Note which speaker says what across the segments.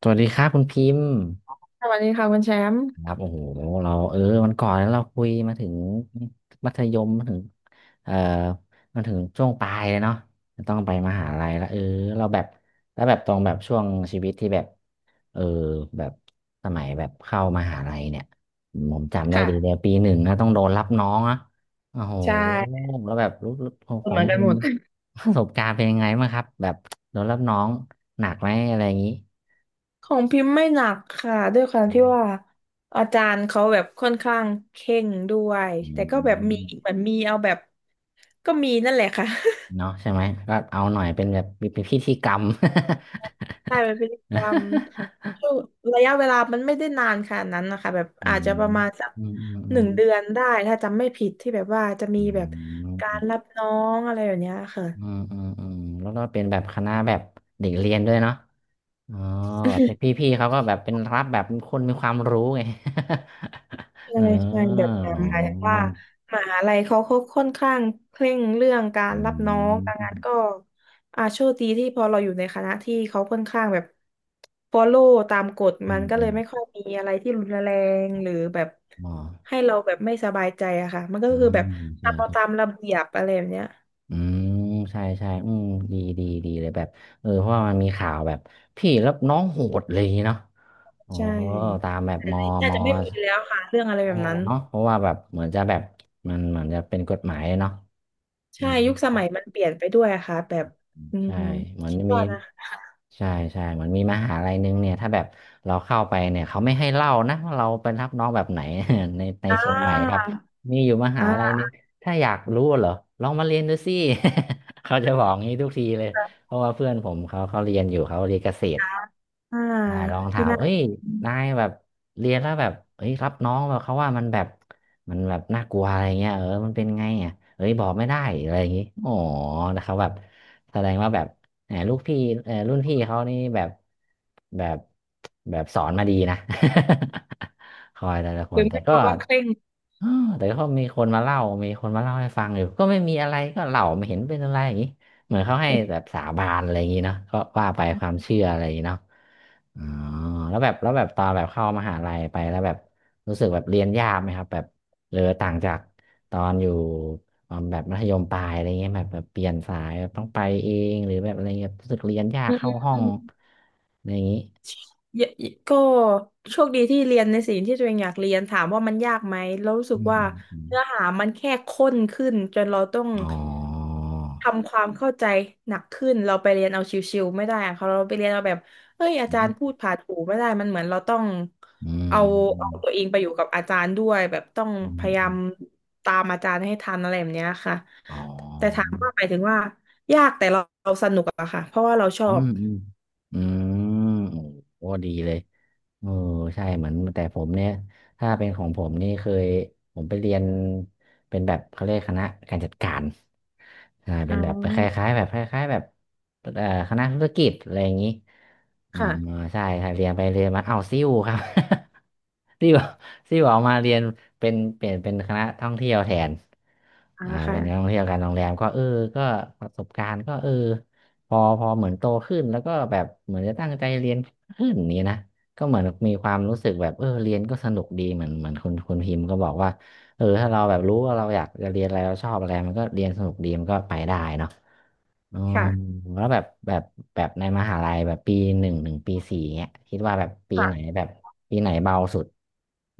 Speaker 1: สวัสดีครับคุณพิมพ์
Speaker 2: สวัสดีค่ะคุณแชมป์
Speaker 1: ครับโอ้โหเราวันก่อนแล้วเราคุยมาถึงมัธยมมาถึงเอ่อมาถึงช่วงปลายแล้วเนาะจะต้องไปมหาลัยแล้วเออเราแบบแล้วแบบตรงแบบช่วงชีวิตที่แบบเออแบบสมัยแบบเข้ามหาลัยเนี่ยผมจำได้ดีเล
Speaker 2: ค่ะ
Speaker 1: ยปีหนึ่งนะต้องโดนรับน้องอะโอ้โห
Speaker 2: ใช่
Speaker 1: แล้วแบบรู้ขอ
Speaker 2: เห
Speaker 1: ง
Speaker 2: มือนกัน
Speaker 1: พิ
Speaker 2: หม
Speaker 1: มพ์
Speaker 2: ด
Speaker 1: ประสบการณ์เป็นยังไงบ้างครับแบบโดนรับน้องหนักไหมอะไรอย่างนี้
Speaker 2: ของพิมพ์ไม่หนักค่ะด้วยความที่ว่าอาจารย์เขาแบบค่อนข้างเข่งด้วย
Speaker 1: อื
Speaker 2: แต่ก็แบบมีเห
Speaker 1: ม
Speaker 2: มือนมีเอาแบบก็มีนั่นแหละค่ะ
Speaker 1: เนาะใช่ไหมก็เอาหน่อยเป็นแบบเป็นพิธีกรรม
Speaker 2: ใช่เป็นพฤติกรรม ช่วงระยะเวลามันไม่ได้นานขนาดนั้นนะคะแบบ
Speaker 1: อื
Speaker 2: อาจจะป
Speaker 1: ม
Speaker 2: ระมาณสัก
Speaker 1: อืมอืมอื
Speaker 2: หนึ่
Speaker 1: ม
Speaker 2: งเดือนได้ถ้าจำไม่ผิดที่แบบว่าจะมี
Speaker 1: อื
Speaker 2: แบบการ
Speaker 1: ม
Speaker 2: รับน้องอะไรแบบเนี้ยค่ะ
Speaker 1: อืมอืมอืมแล้วก็เป็นแบบคณะแบบเด็กเรียนด้วยเนาะอ๋อแบบเป็นพี่เขาก็แบบเป็นรับแบบเป็นคนมีความรู้ไง เอ
Speaker 2: ใช่
Speaker 1: อ
Speaker 2: ใช่แบบนั้
Speaker 1: อ๋
Speaker 2: นหมายถึงว่า
Speaker 1: อ
Speaker 2: มหาลัยเขาค่อนข้างเคร่งเรื่องกา
Speaker 1: อ
Speaker 2: รรับน้อง
Speaker 1: ื
Speaker 2: ดังนั้น
Speaker 1: ม
Speaker 2: ก็อาโชคดีที่พอเราอยู่ในคณะที่เขาค่อนข้างแบบ follow ตามกฎ
Speaker 1: อื
Speaker 2: มัน
Speaker 1: ม
Speaker 2: ก็
Speaker 1: อื
Speaker 2: เลย
Speaker 1: ม
Speaker 2: ไม่ค่อยมีอะไรที่รุนแรงหรือแบบ
Speaker 1: อ๋อ
Speaker 2: ให้เราแบบไม่สบายใจอะค่ะมันก็
Speaker 1: อื
Speaker 2: คือแบ
Speaker 1: ม
Speaker 2: บ
Speaker 1: ใช่
Speaker 2: ทำเอา
Speaker 1: ใช่
Speaker 2: ตามระเบียบอะไรแบบเนี้ย
Speaker 1: อืมใช่ใช่อืมดีเลยแบบเออเพราะว่ามันมีข่าวแบบพี่แล้วน้องโหดเลยางงี้เนาะ อ๋อ
Speaker 2: ใช่
Speaker 1: ตามแบบมอ
Speaker 2: แต่
Speaker 1: ม
Speaker 2: น่า
Speaker 1: อ
Speaker 2: จะไม่มีแล้วค่ะเรื่องอะไร
Speaker 1: อ๋อ
Speaker 2: แบบนั้น
Speaker 1: เนาะเพราะว่าแบบเหมือนจะแบบมันเหมือนจะเป็นกฎหมายเนาะอื
Speaker 2: ใช่
Speaker 1: ม
Speaker 2: ยุคสมัยมันเปลี่ยนไปด้วยอะค่ะแบบอืม
Speaker 1: ใช่เหมือน
Speaker 2: คิด
Speaker 1: มี
Speaker 2: ว่านะ
Speaker 1: ใช่ใช่เหมือนมีมหาลัยนึงเนี่ยถ้าแบบเราเข้าไปเนี่ยเขาไม่ให้เล่านะว่าเราเป็นรับน้องแบบไหน ใน
Speaker 2: อ่
Speaker 1: เชียงใหม่ครับ
Speaker 2: า
Speaker 1: มีอยู่มหา
Speaker 2: อ่
Speaker 1: ลัย
Speaker 2: า
Speaker 1: นึงถ้าอยากรู้เหรอลองมาเรียนดูสิ เขาจะบอกงี้ทุกทีเลยเพราะว่าเพื่อนผมเขาเรียนอยู่เขาเรียนเกษตร
Speaker 2: อ่า
Speaker 1: ได้ลองถา
Speaker 2: ที่
Speaker 1: ม
Speaker 2: น่า
Speaker 1: เอ้ยนายแบบเรียนแล้วแบบเอ้ยรับน้องแบบเขาว่ามันแบบมันแบบน่ากลัวอะไรเงี้ยเออมันเป็นไงอ่ะเอ้ยบอกไม่ได้อะไรอย่างงี้อ๋อนะครับแบบแสดงว่าแบบแหมลูกพี่เออรุ่นพี่เขานี่แบบแบบแบบสอนมาดีนะ คอยแต่ละค
Speaker 2: หรื
Speaker 1: น
Speaker 2: อ
Speaker 1: แต่
Speaker 2: ไม่เพ
Speaker 1: ก็
Speaker 2: ราะว่าเคร่ง
Speaker 1: เออแต่ก็มีคนมาเล่ามีคนมาเล่าให้ฟังอยู่ก็ไม่มีอะไรก็เล่าไม่เห็นเป็นอะไรอย่างงี้เหมือนเขาให้แบบสา บานอะไรอย่างงี้เนาะก็ว่าไปความเชื่ออะไรอย่างนี้เนาะ อ๋อแล้วแบบแล้วแบบตอนแบบเข้ามหาลัยไปแล้วแบบรู้สึกแบบเรียนยากไหมครับแบบเออต่างจากตอนอยู่ตอนแบบมัธยมปลายอะไรเงี้ยแบบเปลี่ยนสายแบบต้องไปเองหรือแบบอะไรเงี้ยรู้สึกเรียนยา
Speaker 2: อื
Speaker 1: กเข้าห้อง
Speaker 2: ม
Speaker 1: อะไรอย่างงี้
Speaker 2: เยอะก็โชคดีที่เรียนในสิ่งที่ตัวเองอยากเรียนถามว่ามันยากไหมแล้วรู้สึ
Speaker 1: อื
Speaker 2: ก
Speaker 1: ม
Speaker 2: ว่า
Speaker 1: อืม
Speaker 2: เนื้อหามันแค่ข้นขึ้นจนเราต้อง
Speaker 1: อมอ๋อ
Speaker 2: ทำความเข้าใจหนักขึ้นเราไปเรียนเอาชิวๆไม่ได้อะเขาเราไปเรียนเอาแบบเอ้ยอา
Speaker 1: อื
Speaker 2: จารย์พู
Speaker 1: ม
Speaker 2: ดผ่านหูไม่ได้มันเหมือนเราต้อง
Speaker 1: อืม
Speaker 2: เอา
Speaker 1: อื
Speaker 2: เอา
Speaker 1: ม
Speaker 2: ตัวเองไปอยู่กับอาจารย์ด้วยแบบต้อง
Speaker 1: อื
Speaker 2: พยายาม
Speaker 1: ม
Speaker 2: ตามอาจารย์ให้ทันอะไรแบบเนี้ยค่ะ
Speaker 1: อ๋
Speaker 2: แต่
Speaker 1: อ
Speaker 2: ถามว่าหมายถึงว่ายากแต่เราสนุกอะค่ะเพราะว่าเราชอ
Speaker 1: อื
Speaker 2: บ
Speaker 1: มอืมอืมโอ้ดีเลยเออใช่เหมือนแต่ผมเนี่ยถ้าเป็นของผมนี่เคยผมไปเรียนเป็นแบบเขาเรียกคณะการจัดการใช่เป็
Speaker 2: อ๋อ
Speaker 1: นแบบคล้ายๆแบบคล้ายๆแบบคณะธุรกิจอะไรอย่างนี้อืม
Speaker 2: ค่ะ
Speaker 1: ใช่ใช่เรียนไปเรียนมาเอาซิ่วครับ ซิ่วซิ่วออกมาเรียนเป็นเปลี่ยนเป็นคณะท่องเที่ยวแทน
Speaker 2: อ่า
Speaker 1: อ่า
Speaker 2: ค่ะ
Speaker 1: เป็นนักท่องเที่ยวการโรงแรมก็เออก็ประสบการณ์ก็เออ พอเหมือนโตขึ้นแล้วก็แบบเหมือนจะตั้งใจเรียนขึ้นนี้นะก็เหมือนมีความรู้สึกแบบเออเรียนก็สนุกดีเหมือนเหมือนคุณพิมพ์ก็บอกว่าเออถ้าเราแบบรู้ว่าเราอยากจะเรียนอะไรเราชอบอะไรมันก็เรียนสนุกดีมันก็ไปได้เนาะอืม
Speaker 2: ค่ะ
Speaker 1: แล้วแบบแบบแบบในมหาลัยแบบปีหนึ่งถึงปีสี่เงี้ยคิดว่าแบบปีไหน
Speaker 2: ค่ะ
Speaker 1: แบบปีไหนเบาสุด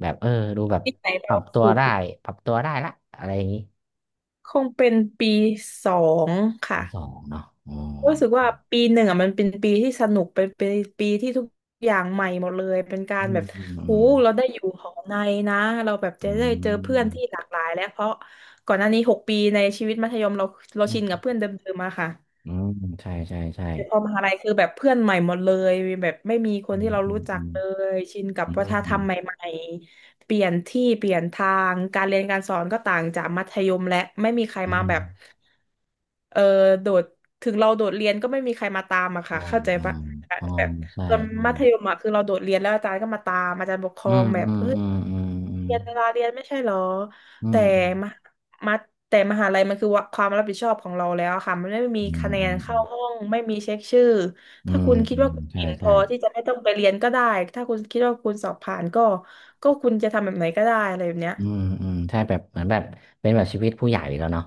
Speaker 1: แบบเออดูแบบ
Speaker 2: ทีไหน
Speaker 1: ปรั
Speaker 2: เรา
Speaker 1: บตัว
Speaker 2: สุ
Speaker 1: ได้
Speaker 2: ด
Speaker 1: ปรับตัวได้ละอะไรอย่างนี้
Speaker 2: คงเป็นปีสอง
Speaker 1: ปี
Speaker 2: ค่ะ
Speaker 1: สองเนาะอ๋อ
Speaker 2: รู้สึกว่า
Speaker 1: ใช่
Speaker 2: ปีหนึ่งอ่ะมันเป็นปีที่สนุกเป็นปีที่ทุกอย่างใหม่หมดเลยเป็นกา
Speaker 1: อื
Speaker 2: รแบ
Speaker 1: ม
Speaker 2: บ
Speaker 1: อืมอื
Speaker 2: หู
Speaker 1: ม
Speaker 2: เราได้อยู่หอในนะเราแบบ
Speaker 1: อื
Speaker 2: จะได้เจอเพื่
Speaker 1: ม
Speaker 2: อนที่หลากหลายแล้วเพราะก่อนหน้านี้หกปีในชีวิตมัธยมเราเรา
Speaker 1: อื
Speaker 2: ชินกับ
Speaker 1: ม
Speaker 2: เพื่อนเดิมๆมาค่ะ
Speaker 1: อืมใช่ ใช่ ใช่
Speaker 2: แต่พอมหาลัยคือแบบเพื่อนใหม่หมดเลยแบบไม่มีคน
Speaker 1: อื
Speaker 2: ที่
Speaker 1: ม
Speaker 2: เรา
Speaker 1: อื
Speaker 2: รู้
Speaker 1: ม
Speaker 2: จั
Speaker 1: อื
Speaker 2: ก
Speaker 1: ม
Speaker 2: เลยชินกับวัฒนธ
Speaker 1: อื
Speaker 2: รร
Speaker 1: ม
Speaker 2: มใหม่ๆเปลี่ยนที่เปลี่ยนทางการเรียนการสอนก็ต่างจากมัธยมและไม่มีใคร
Speaker 1: อื
Speaker 2: มา
Speaker 1: ม
Speaker 2: แบบเออโดดถึงเราโดดเรียนก็ไม่มีใครมาตามอะ
Speaker 1: อ๋
Speaker 2: ค่ะ
Speaker 1: อ
Speaker 2: เข้าใจ
Speaker 1: อ๋อ
Speaker 2: ปะ
Speaker 1: อ๋อ
Speaker 2: แบบ
Speaker 1: ใช่
Speaker 2: ตอน
Speaker 1: ใช่
Speaker 2: มัธยมอะคือเราโดดเรียนแล้วอาจารย์ก็มาตามอาจารย์ปกคร
Speaker 1: อื
Speaker 2: อ
Speaker 1: ม
Speaker 2: งแบบ
Speaker 1: อืม
Speaker 2: เฮ้ย
Speaker 1: อืมอืม
Speaker 2: เรียนเวลาเรียนไม่ใช่เหรอ
Speaker 1: อื
Speaker 2: แต่
Speaker 1: ม
Speaker 2: มหมาแต่มหาลัยมันคือว่าความรับผิดชอบของเราแล้วค่ะมันไม่มี
Speaker 1: อืม
Speaker 2: คะแน
Speaker 1: อ
Speaker 2: น
Speaker 1: ื
Speaker 2: เข้า
Speaker 1: ม
Speaker 2: ห้อง ไม่มีเช็คชื่อ
Speaker 1: อื
Speaker 2: ถ้า
Speaker 1: ม
Speaker 2: คุณคิ
Speaker 1: อื
Speaker 2: ด
Speaker 1: ม
Speaker 2: ว่า
Speaker 1: อื
Speaker 2: คุ
Speaker 1: ม
Speaker 2: ณ
Speaker 1: ใช่
Speaker 2: เก่งพ
Speaker 1: ใช่
Speaker 2: อที่จะไม่ต้องไปเรียนก็ได้ถ้าคุณคิดว่าคุณสอบผ่านก็คุณจะทำแบบไหนก็ได้อะไรแบบเนี้ย
Speaker 1: อืมอืมใช่แบบเหมือนแบบเป็นแบบชีวิตผู้ใหญ่แล้วเนาะ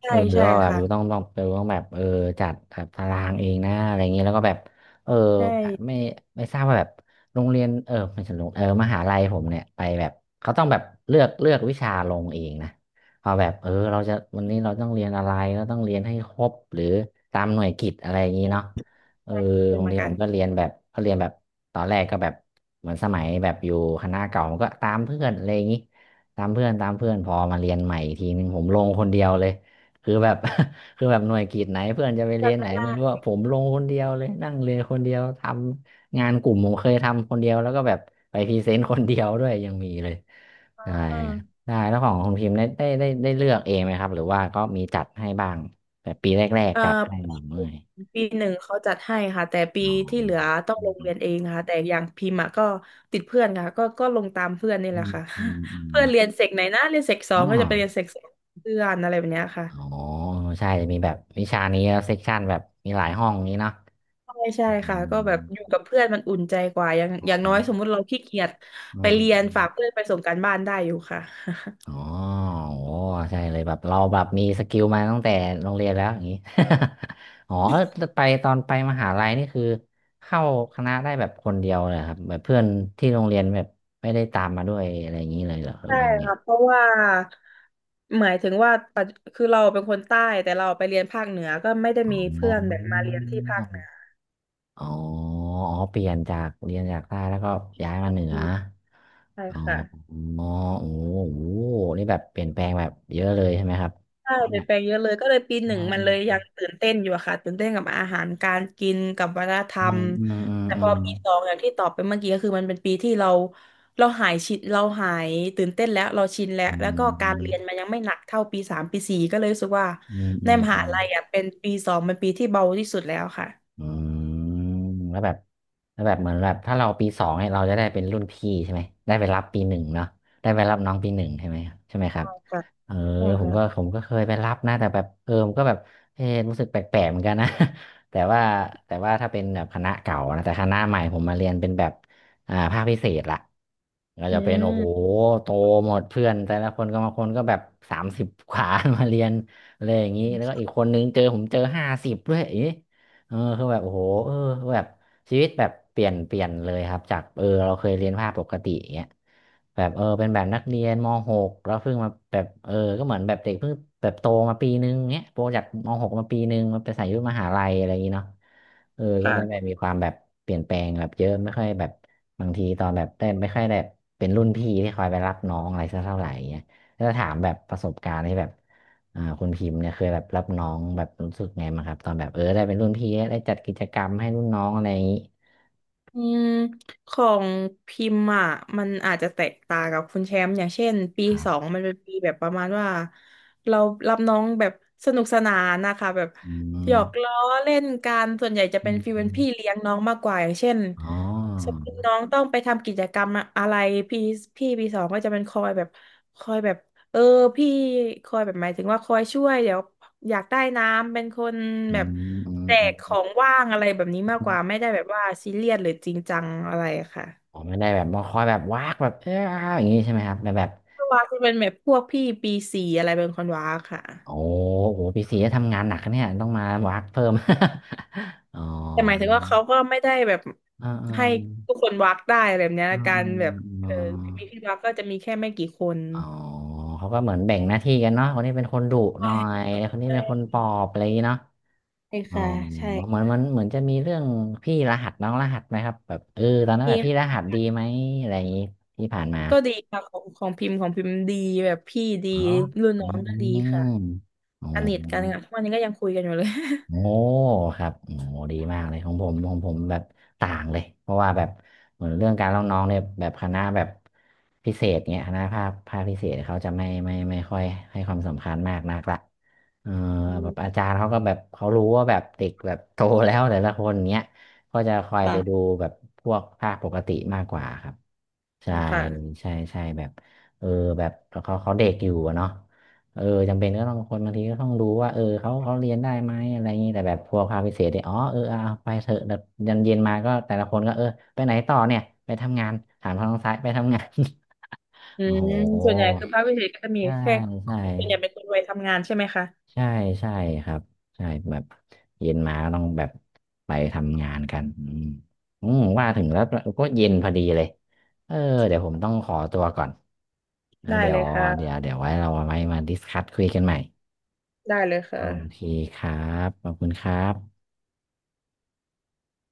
Speaker 2: ใช่
Speaker 1: เออ
Speaker 2: ใช่
Speaker 1: ก็แบบอยู่ต้อ
Speaker 2: ค่ะ
Speaker 1: งต้องไปต้องแบบเออจัดแบบตารางเองนะอะไรอย่างเงี้ยแล้วก็แบบเออ
Speaker 2: ใช่
Speaker 1: ไม่ไม่ทราบว่าแบบโรงเรียนเออไม่ใช่โรงเออมหาลัยผมเนี่ยไปแบบเขาต้องแบบเลือกวิชาลงเองนะเอาแบบเออเราจะวันนี้เราต้องเรียนอะไรเราต้องเรียนให้ครบหรือตามหน่วยกิตอะไรอย่างงี้เนาะเออ
Speaker 2: เป็
Speaker 1: โร
Speaker 2: น
Speaker 1: ง
Speaker 2: เหมือ
Speaker 1: เรี
Speaker 2: น
Speaker 1: ยน
Speaker 2: กั
Speaker 1: ผ
Speaker 2: น
Speaker 1: มก็เรียนแบบก็เรียนแบบตอนแรกก็แบบเหมือนสมัยแบบอยู่คณะเก่ามันก็ตามเพื่อนอะไรอย่างงี้ตามเพื่อนตามเพื่อนพอมาเรียนใหม่อีกทีหนึ่งผมลงคนเดียวเลย คือแบบ คือแบบหน่วยกิจไหนเพื่อนจะไปเรี
Speaker 2: จัด
Speaker 1: ยนไหน
Speaker 2: ไม่
Speaker 1: ไม่
Speaker 2: ได้
Speaker 1: รู้ว่าผมลงคนเดียวเลยนั่งเรียนคนเดียวทำงานกลุ่มผมเคยทำคนเดียวแล้วก็แบบไปพรีเซนต์คนเดียวด้วยยังมีเลยใช่
Speaker 2: อ่า
Speaker 1: ได้แล้วของคุณพิมพ์ได้ได้ได้ได้เลือกเองไหมครับหรือว่าก็มีจัดให้บ้างแบบปีแรก
Speaker 2: เอ่อ
Speaker 1: ๆจัดให้หรือไม่
Speaker 2: ปีหนึ่งเขาจัดให้ค่ะแต่ปี
Speaker 1: อ๋อ
Speaker 2: ที่เหลือต้อง
Speaker 1: อื
Speaker 2: ล
Speaker 1: ม
Speaker 2: งเรียนเองค่ะแต่อย่างพิมพ์อะก็ติดเพื่อนค่ะก็ลงตามเพื่อนนี่
Speaker 1: อื
Speaker 2: แหละ
Speaker 1: ม
Speaker 2: ค่ะ
Speaker 1: อืมอืม
Speaker 2: เพื่อนเรียนเสกไหนนะเรียนเสกสอ
Speaker 1: อ๋อ
Speaker 2: งก็จะไปเรียนเสกสองเพื่อนอะไรแบบเนี้ยค่ะ
Speaker 1: อ๋อใช่จะมีแบบวิชานี้เซกชันแบบมีหลายห้องนี้เนาะ
Speaker 2: ใช่ใช่
Speaker 1: อื
Speaker 2: ค่ะ
Speaker 1: ม
Speaker 2: ก็แบบอยู่กับเพื่อนมันอุ่นใจกว่าอย่างอ
Speaker 1: ห้อ
Speaker 2: ย่าง
Speaker 1: ง
Speaker 2: น้อย
Speaker 1: เนาะ
Speaker 2: สมมุติเราขี้เกียจ
Speaker 1: อื
Speaker 2: ไปเรียนฝาก
Speaker 1: ม
Speaker 2: เพื่อนไปส่งการบ้านได้อยู่ค่ะ
Speaker 1: อ๋อ โอ้ใช่เลยแบบเราแบบมีสกิลมาตั้งแต่โรงเรียนแล้วอย่างนี้ อ๋อออไปตอนไปมหาลัยนี่คือเข้าคณะได้แบบคนเดียวเลยครับแบบเพื่อนที่โรงเรียนแบบไม่ได้ตามมาด้วยอะไรอย่างนี้เลยเหรอหรือ
Speaker 2: ใช่
Speaker 1: ว่าไง
Speaker 2: ค่ะเพราะว่าหมายถึงว่าปัจคือเราเป็นคนใต้แต่เราไปเรียนภาคเหนือก็ไม่ได้มีเพื่
Speaker 1: อ๋อ
Speaker 2: อนแบบมาเรียนที่ภาคเหนือ
Speaker 1: อ๋ออ๋อเปลี่ยนจากเรียนจากใต้แล้วก็ย้ายมาเหนือ
Speaker 2: ใช่
Speaker 1: อ๋อ
Speaker 2: ค่ะ
Speaker 1: อ๋อโอ้โหนี่แบบเปลี่ยนแปลงแบบเยอะเลยใช่ไหมครับ
Speaker 2: ใช่เปลี่
Speaker 1: เนี่
Speaker 2: ย
Speaker 1: ย
Speaker 2: นแปลงเยอะเลยก็เลยปีห
Speaker 1: อ
Speaker 2: นึ่งมันเลยยั
Speaker 1: ื
Speaker 2: งตื่นเต้นอยู่อะค่ะตื่นเต้นกับอาหารการกินกับวัฒนธ
Speaker 1: ม
Speaker 2: ร
Speaker 1: อื
Speaker 2: รม
Speaker 1: มอืม
Speaker 2: แต่
Speaker 1: อื
Speaker 2: พอ
Speaker 1: ม
Speaker 2: ปีสองอย่างที่ตอบไปเมื่อกี้ก็คือมันเป็นปีที่เราเราหายชินเราหายตื่นเต้นแล้วเราชินแล้ว
Speaker 1: อื
Speaker 2: แล้วก็การเรียน
Speaker 1: ม
Speaker 2: มันยังไม่หนักเท่าปีสามปีสี่ก็เลยรู้สึกว่า
Speaker 1: อืม
Speaker 2: ใน
Speaker 1: อืม
Speaker 2: มหา
Speaker 1: อืม
Speaker 2: ลัยอ่ะเป็นปีสองเป็นปีที่เบาที่สุดแล้วค่ะ
Speaker 1: อืมแล้วแบบเหมือนแบบถ้าเราปีสองเนี่ยเราจะได้เป็นรุ่นพี่ใช่ไหมได้ไปรับปีหนึ่งเนาะได้ไปรับน้องปีหนึ่งใช่ไหมใช่ไหมครับ
Speaker 2: ใช่ค่ะ
Speaker 1: เออ
Speaker 2: ใช่
Speaker 1: ผมก็
Speaker 2: ค่ะ
Speaker 1: เคยไปรับนะแต่แบบผมก็แบบรู้สึกแปลกๆเหมือนกันนะ แต่ว่าถ้าเป็นแบบคณะเก่านะแต่คณะใหม่ผมมาเรียนเป็นแบบภาคพิเศษละก็
Speaker 2: อื
Speaker 1: จะเป็นโอ้โห
Speaker 2: ม
Speaker 1: โตหมดเพื่อนแต่ละคนก็บางคนก็แบบสามสิบกว่า มาเรียนอะไรอย่างนี้แล้วก็อีกคนนึงเจอผมเจอห้าสิบด้วยอย่างนี้ คือแบบโอ้โหแบบชีวิตแบบเปลี่ยนเลยครับจากเราเคยเรียนภาคปกติอย่างเงี้ยแบบเป็นแบบนักเรียนม .6 แล้วเพิ่งมาแบบก็เหมือนแบบเด็กเพิ่งแบบโตมาปีนึงเงี้ยโตจากม .6 มาปีนึงมาไปใส่ยุคมหาลัยอะไรอย่างงี้เนาะก็เลยแบบ
Speaker 2: ค่ะ
Speaker 1: มีความแบบเปลี่ยนแปลงแบบเยอะไม่ค่อยแบบบางทีตอนแบบได้ไม่ค่อยแบบเป็นรุ่นพี่ที่คอยไปรับน้องอะไรสักเท่าไหร่เงี้ยถ้าถามแบบประสบการณ์ที่แบบ คุณพิมพ์เนี่ยเคยแบบรับน้องแบบรู้สึกไงมั้างครับตอนแบบได้เป็นรุ่นพี่ได้จัดกิจกรรมให้รุ่นน้องอะไรอย่างนี้
Speaker 2: อืมของพิมพ์อ่ะมันอาจจะแตกต่างกับคุณแชมป์อย่างเช่นปี
Speaker 1: ครั
Speaker 2: ส
Speaker 1: บ
Speaker 2: องมันเป็นปีแบบประมาณว่าเรารับน้องแบบสนุกสนานนะคะแบบ
Speaker 1: อื
Speaker 2: หยอกล้
Speaker 1: ม
Speaker 2: อเล่นกันส่วนใหญ่จะ
Speaker 1: อื
Speaker 2: เป็น
Speaker 1: ม
Speaker 2: ฟีล
Speaker 1: อ
Speaker 2: เป็น
Speaker 1: ม
Speaker 2: พี่เลี้ยงน้องมากกว่าอย่างเช่น
Speaker 1: อ๋
Speaker 2: สม
Speaker 1: อ
Speaker 2: มติน้องต้องไปทำกิจกรรมอะไรพี่พี่ปีสองก็จะเป็นคอยแบบคอยแบบ เออพี่คอยแบบหมายถึงว่าคอยช่วยเดี๋ยวอยากได้น้ำเป็นคน
Speaker 1: อื
Speaker 2: แบบ
Speaker 1: มอืม
Speaker 2: แจ
Speaker 1: อื
Speaker 2: กขอ
Speaker 1: ม
Speaker 2: งว่างอะไรแบบนี้
Speaker 1: อ
Speaker 2: มากกว่า
Speaker 1: ม
Speaker 2: ไม่ได้แบบว่าซีเรียสหรือจริงจังอะไรอะค่ะ
Speaker 1: อ๋อไม่ได้แบบมาคอยแบบวากแบบอย่างนี้ใช่ไหมครับแต่แบบ
Speaker 2: เพรวาจะเป็นแบบพวกพี่ปีสี่อะไรเป็นคนวักค่ะ
Speaker 1: โอ้โหพี่สีจะทำงานหนักนะเนี่ยต้องมาวากเพิ่ม อ๋อ
Speaker 2: แต่หมายถึงว่าเขาก็ไม่ได้แบบ
Speaker 1: อ่าอ่า
Speaker 2: ให้ทุกคนวักได้อะไรแบบเนี้ย
Speaker 1: อ่า
Speaker 2: กา
Speaker 1: อ่า
Speaker 2: รแบบ
Speaker 1: อ่
Speaker 2: เออมีพี่
Speaker 1: า
Speaker 2: วักก็จะมีแค่ไม่กี่คน
Speaker 1: อ๋อเขาก็เหมือนแบ่งหน้าที่กันเนาะคนนี้เป็นคนดุห
Speaker 2: ใช่
Speaker 1: น่อยแลคนนี้
Speaker 2: ใช่
Speaker 1: เป็นคนปลอบอะไรอย่างงี้เนาะ
Speaker 2: ใช่
Speaker 1: อ๋อ
Speaker 2: ค่ะใช่
Speaker 1: เหมือนมันเหมือนจะมีเรื่องพี่รหัสน้องรหัสไหมครับแบบตอนนั้น
Speaker 2: นี่
Speaker 1: แบบพี่รหัสดีไหมอะไรอย่างนี้ที่ผ่านมา
Speaker 2: ก็ดีค่ะของของพิมพ์ของพิมพ์ดีแบบพี่ดี
Speaker 1: อ๋อ
Speaker 2: รุ่น
Speaker 1: อื
Speaker 2: น้องก็ดีค่ะ
Speaker 1: มอ๋อ
Speaker 2: สนิทกันค่ะทุกวันนี้ก็ยังคุยกันอยู่เลย
Speaker 1: โอ้ครับโอ้ดีมากเลยของผมแบบต่างเลยเพราะว่าแบบเหมือนเรื่องการเล่าน้องเนี่ยแบบคณะแบบพิเศษเงี้ยคณะภาคพิเศษเขาจะไม่ค่อยให้ความสำคัญมากนักละเออ
Speaker 2: อื
Speaker 1: แบบ
Speaker 2: ม
Speaker 1: อาจารย์เขาก็แบบเขารู้ว่าแบบเด็กแบบโตแล้วแต่ละคนเงี้ยก็จะคอยไปดู
Speaker 2: ค่ะ
Speaker 1: แบบพวกภาคปกติมากกว่าครับใช่
Speaker 2: ค่ะ
Speaker 1: ใช่ใช่แบบเออแบบเขาเด็กอยู่อะเนาะ เออจำเป็นก็ต้องคนบางทีก็ต้องดูว่าเขาเรียนได้ไหมอะไรอย่างนี้แต่แบบพวกภาคพิเศษเนี่ยอ๋อเอาไปเถอะแบบยันเย็นมาก็แต่ละคนก็ไปไหนต่อเนี่ยไปทำงานถามทางซ้ายไปทำงาน
Speaker 2: อื
Speaker 1: โอ้โห
Speaker 2: มส่วนใหญ่คือภาควิเศษก็จะมี
Speaker 1: ใช่
Speaker 2: แค่ค
Speaker 1: ใช่
Speaker 2: ุนอยากเป็นคนวัยทำงานใช่ไหมคะ
Speaker 1: ใช่ใช่ครับใช่แบบเย็นมาก็ต้องแบบไปทำงานกันอืมอืมว่าถึงแล้วก็เย็นพอดีเลยเออเดี๋ยวผมต้องขอตัวก่อนแล้ว
Speaker 2: ได้
Speaker 1: เดี๋ย
Speaker 2: เล
Speaker 1: ว
Speaker 2: ยค่ะ
Speaker 1: ไว้เรามาดิสคัสคุยกันใหม่
Speaker 2: ได้เลย
Speaker 1: โอ
Speaker 2: ค่ะ
Speaker 1: เคครับ ขอบคุณครับ